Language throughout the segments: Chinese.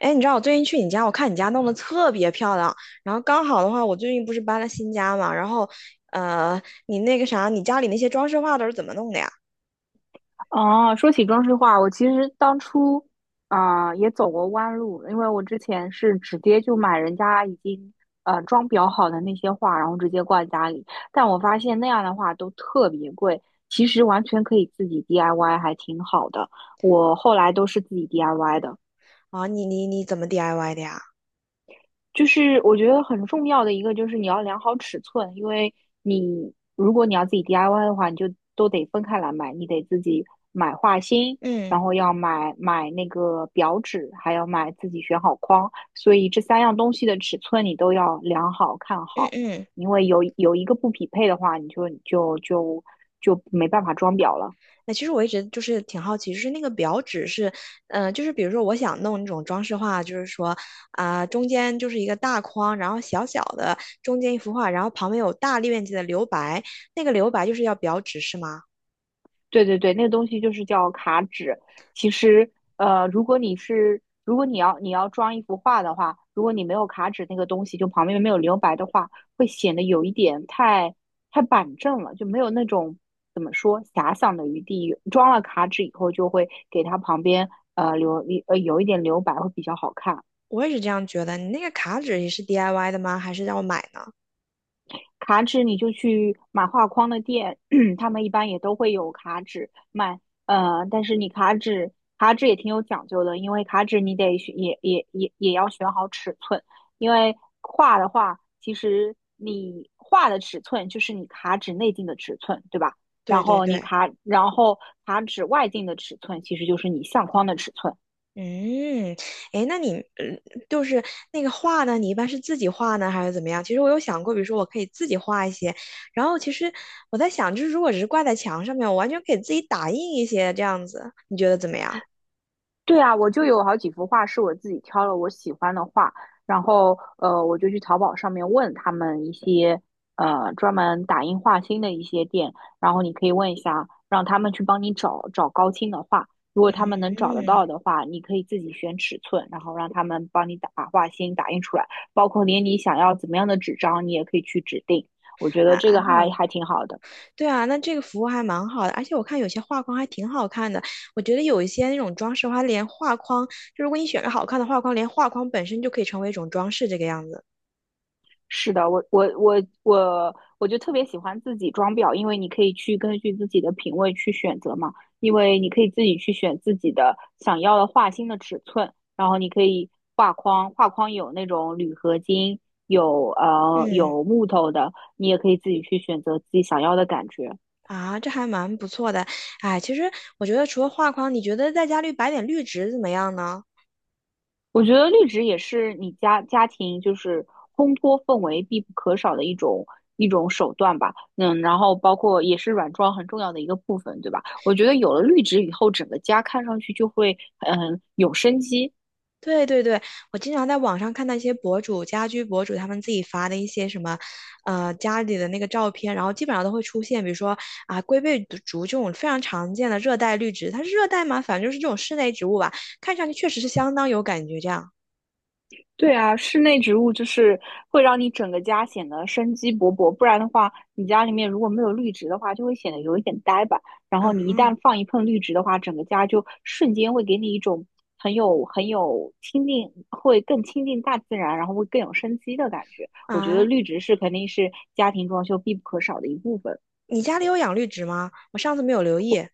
哎，你知道我最近去你家，我看你家弄得特别漂亮。然后刚好的话，我最近不是搬了新家嘛，然后，呃，你那个啥，你家里那些装饰画都是怎么弄的呀？哦，说起装饰画，我其实当初也走过弯路，因为我之前是直接就买人家已经装裱好的那些画，然后直接挂在家里。但我发现那样的话都特别贵，其实完全可以自己 DIY，还挺好的。我后来都是自己 DIY 的。啊，你怎么 DIY 的呀？就是我觉得很重要的一个就是你要量好尺寸，因为你如果你要自己 DIY 的话，你就都得分开来买，你得自己买画芯，然嗯后要买那个表纸，还要买自己选好框，所以这三样东西的尺寸你都要量好看嗯好，嗯。因为有一个不匹配的话，你就没办法装裱了。那其实我一直就是挺好奇，就是那个表纸是，就是比如说我想弄那种装饰画，就是说啊、中间就是一个大框，然后小小的中间一幅画，然后旁边有大面积的留白，那个留白就是要表纸是吗？对对对，那个东西就是叫卡纸。其实，如果你是如果你要你要装一幅画的话，如果你没有卡纸那个东西，就旁边没有留白的话，会显得有一点太板正了，就没有那种怎么说遐想的余地。装了卡纸以后，就会给它旁边留有一点留白，会比较好看。我也是这样觉得。你那个卡纸也是 DIY 的吗？还是要买呢？卡纸你就去买画框的店，他们一般也都会有卡纸卖。但是你卡纸卡纸也挺有讲究的，因为卡纸你得选也也也也要选好尺寸，因为画的话，其实你画的尺寸就是你卡纸内径的尺寸，对吧？然对对后对，卡纸外径的尺寸其实就是你相框的尺寸。嗯，诶，那你嗯，就是那个画呢，你一般是自己画呢，还是怎么样？其实我有想过，比如说我可以自己画一些，然后其实我在想，就是如果只是挂在墙上面，我完全可以自己打印一些这样子，你觉得怎么样？对啊，我就有好几幅画是我自己挑了我喜欢的画，然后我就去淘宝上面问他们一些专门打印画心的一些店，然后你可以问一下，让他们去帮你找找高清的画，如果他们能找得嗯到的话，你可以自己选尺寸，然后让他们帮你打把画心打印出来，包括连你想要怎么样的纸张，你也可以去指定，我觉得这个啊。还挺好的。对啊，那这个服务还蛮好的，而且我看有些画框还挺好看的。我觉得有一些那种装饰画，连画框，就如果你选个好看的画框，连画框本身就可以成为一种装饰，这个样子。是的，我就特别喜欢自己装裱，因为你可以去根据自己的品味去选择嘛，因为你可以自己去选自己的想要的画心的尺寸，然后你可以画框有那种铝合金，有嗯，有木头的，你也可以自己去选择自己想要的感觉。啊，这还蛮不错的。哎，其实我觉得除了画框，你觉得在家里摆点绿植怎么样呢？我觉得绿植也是你家庭就是烘托氛围必不可少的一种手段吧。嗯，然后包括也是软装很重要的一个部分，对吧？我觉得有了绿植以后，整个家看上去就会有生机。对对对，我经常在网上看到一些博主、家居博主他们自己发的一些什么，家里的那个照片，然后基本上都会出现，比如说啊，龟背竹这种非常常见的热带绿植，它是热带吗？反正就是这种室内植物吧，看上去确实是相当有感觉。这样，对啊，室内植物就是会让你整个家显得生机勃勃，不然的话，你家里面如果没有绿植的话，就会显得有一点呆板。然后你一嗯旦放一盆绿植的话，整个家就瞬间会给你一种很有亲近，会更亲近大自然，然后会更有生机的感觉。我觉得啊，绿植是肯定是家庭装修必不可少的一部分。你家里有养绿植吗？我上次没有留意。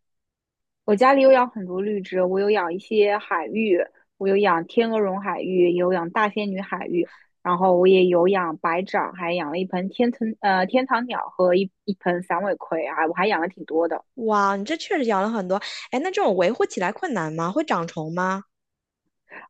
我家里有养很多绿植，我有养一些海芋，我有养天鹅绒海芋，也有养大仙女海芋，然后我也有养白掌，还养了一盆天堂鸟和一盆散尾葵啊，我还养了挺多的。哇，你这确实养了很多。哎，那这种维护起来困难吗？会长虫吗？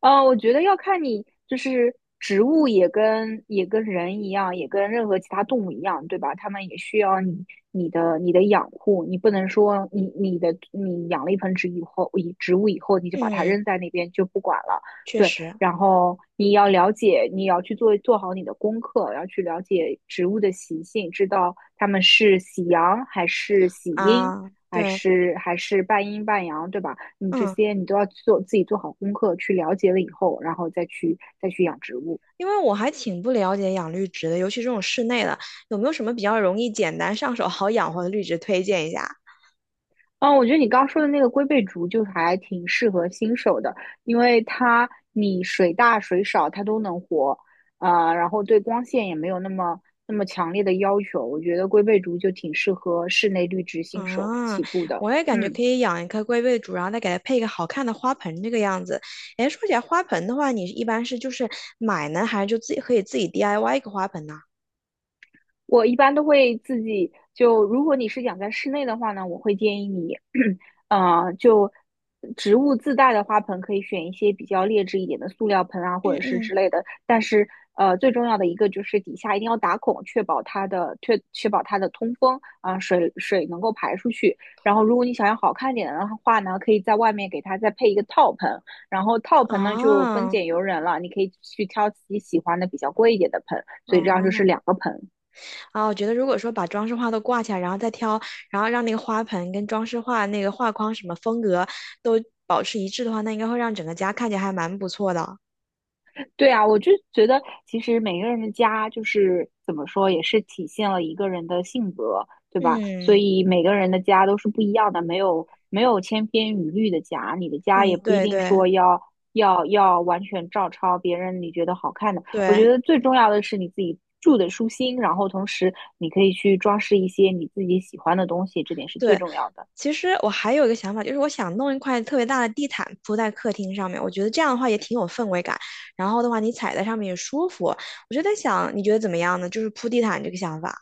呃，我觉得要看你，就是植物也跟人一样，也跟任何其他动物一样，对吧？它们也需要你的养护，你不能说你养了一盆植物以后你就把它嗯，扔在那边就不管了。确对。实然后你要了解，你要去做好你的功课，要去了解植物的习性，知道它们是喜阳还是喜阴，啊，对。还是半阴半阳，对吧？你这嗯。些你都要自己做好功课，去了解了以后，然后再去养植物。因为我还挺不了解养绿植的，尤其这种室内的，有没有什么比较容易、简单、上手、好养活的绿植推荐一下？嗯，我觉得你刚说的那个龟背竹就还挺适合新手的，因为它你水大水少它都能活，然后对光线也没有那么强烈的要求。我觉得龟背竹就挺适合室内绿植新手啊，起步的。我也感觉可嗯。以养一棵龟背竹，然后再给它配一个好看的花盆，这个样子。哎，说起来花盆的话，你一般是就是买呢，还是就自己可以自己 DIY 一个花盆呢？我一般都会自己就，如果你是养在室内的话呢，我会建议你，就植物自带的花盆可以选一些比较劣质一点的塑料盆啊，或嗯者是嗯，之类的。但是，最重要的一个就是底下一定要打孔，确保它的确确保它的通风啊，水能够排出去。然后，如果你想要好看点的话呢，可以在外面给它再配一个套盆。然后套盆呢就分啊，拣由人了，你可以去挑自己喜欢的比较贵一点的盆。所以这样就是哦，两个盆。啊，我觉得如果说把装饰画都挂起来，然后再挑，然后让那个花盆跟装饰画那个画框什么风格都保持一致的话，那应该会让整个家看起来还蛮不错的。对啊，我就觉得其实每个人的家就是怎么说，也是体现了一个人的性格，对吧？所嗯以每个人的家都是不一样的，没有千篇一律的家，你的家嗯，也不一对定对说要完全照抄别人你觉得好看的。我对觉得最重要的是你自己住的舒心，然后同时你可以去装饰一些你自己喜欢的东西，这点是最对。重要的。其实我还有一个想法，就是我想弄一块特别大的地毯铺在客厅上面，我觉得这样的话也挺有氛围感。然后的话，你踩在上面也舒服。我就在想，你觉得怎么样呢？就是铺地毯这个想法。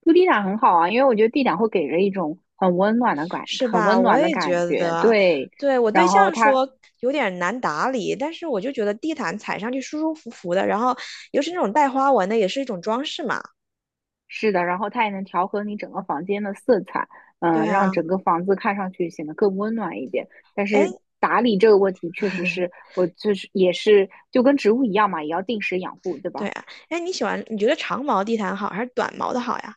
铺地毯很好啊，因为我觉得地毯会给人一种是很吧？温我暖的也觉感觉。得，对，对，我对然后象它说有点难打理，但是我就觉得地毯踩上去舒舒服服的，然后尤其那种带花纹的，也是一种装饰嘛。是的，然后它也能调和你整个房间的色彩，对让啊，整个房子看上去显得更温暖一点。但是哎 打理这个问题，确实是 我就是也是就跟植物一样嘛，也要定时养护，对对吧？啊，哎，你喜欢，你觉得长毛地毯好还是短毛的好呀？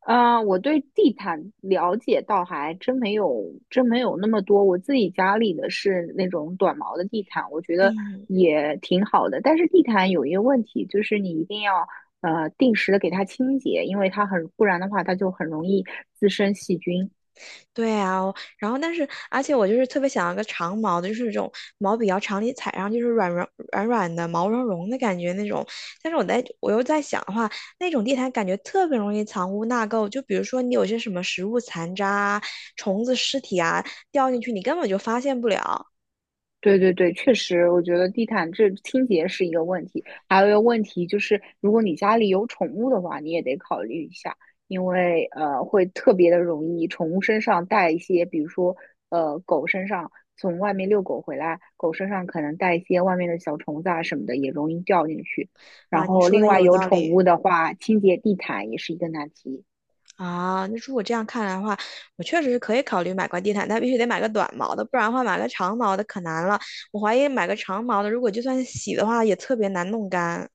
啊，我对地毯了解倒还真没有，真没有那么多。我自己家里的是那种短毛的地毯，我觉得嗯。也挺好的。但是地毯有一个问题，就是你一定要定时的给它清洁，因为不然的话它就很容易滋生细菌。对啊，我然后但是，而且我就是特别想要个长毛的，就是这种毛比较长，你踩上就是软软的、毛茸茸的感觉那种。但是我又在想，那种地毯感觉特别容易藏污纳垢，就比如说你有些什么食物残渣啊、虫子尸体啊掉进去，你根本就发现不了对对对，确实，我觉得地毯这清洁是一个问题，还有一个问题就是，如果你家里有宠物的话，你也得考虑一下，因为会特别的容易宠物身上带一些，比如说狗身上从外面遛狗回来，狗身上可能带一些外面的小虫子啊什么的，也容易掉进去。啊。然你后说另的外有有道宠理。物的话，清洁地毯也是一个难题。啊，那如果这样看来的话，我确实是可以考虑买块地毯，但必须得买个短毛的，不然的话买个长毛的可难了。我怀疑买个长毛的，如果就算洗的话，也特别难弄干。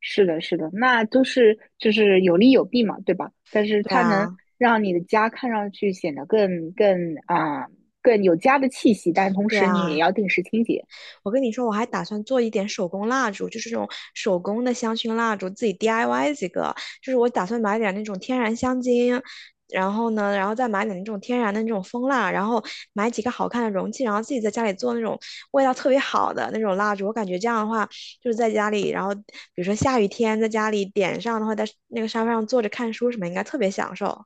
是的，是的，那都是就是有利有弊嘛，对吧？但是对它能啊，让你的家看上去显得更有家的气息，但同对时你也啊。要定时清洁。我跟你说，我还打算做一点手工蜡烛，就是这种手工的香薰蜡烛，自己 DIY 几个。就是我打算买点那种天然香精，然后呢，然后再买点那种天然的那种蜂蜡，然后买几个好看的容器，然后自己在家里做那种味道特别好的那种蜡烛。我感觉这样的话，就是在家里，然后比如说下雨天在家里点上的话，在那个沙发上坐着看书什么，应该特别享受。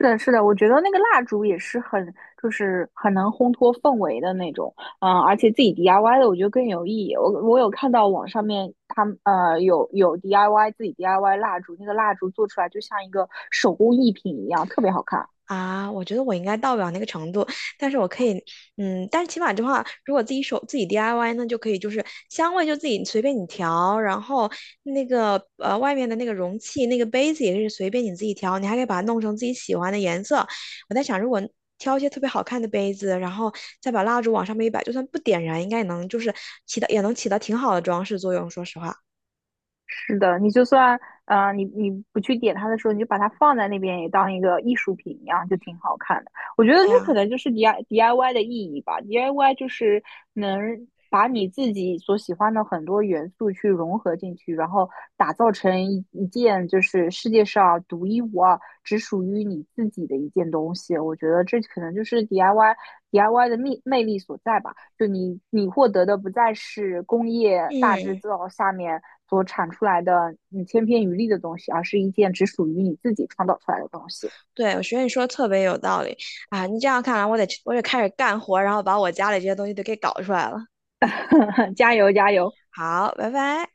是的，是的，我觉得那个蜡烛也是就是很能烘托氛围的那种，嗯，而且自己 DIY 的，我觉得更有意义。我有看到网上面他们有 DIY DIY 蜡烛，那个蜡烛做出来就像一个手工艺品一样，特别好看。啊，我觉得我应该到不了那个程度，但是我可以，嗯，但是起码的话，如果自己手自己 DIY 呢，就可以就是香味就自己随便你调，然后那个外面的那个容器那个杯子也是随便你自己调，你还可以把它弄成自己喜欢的颜色。我在想，如果挑一些特别好看的杯子，然后再把蜡烛往上面一摆，就算不点燃，应该也能就是起到也能起到挺好的装饰作用。说实话，是的，你就算你你不去点它的时候，你就把它放在那边，也当一个艺术品一样，就挺好看的。我觉得这对可啊，能就是 D I Y 的意义吧。D I Y 就是能把你自己所喜欢的很多元素去融合进去，然后打造成一件就是世界上独一无二、只属于你自己的一件东西。我觉得这可能就是 D I Y 的魅力所在吧。就你获得的不再是工业大制嗯。造下面所产出来的你千篇一律的东西，而是一件只属于你自己创造出来的东西。对，我觉得你说的特别有道理啊！你这样看来，我得开始干活，然后把我家里这些东西都给搞出来了。加油加油！好，拜拜。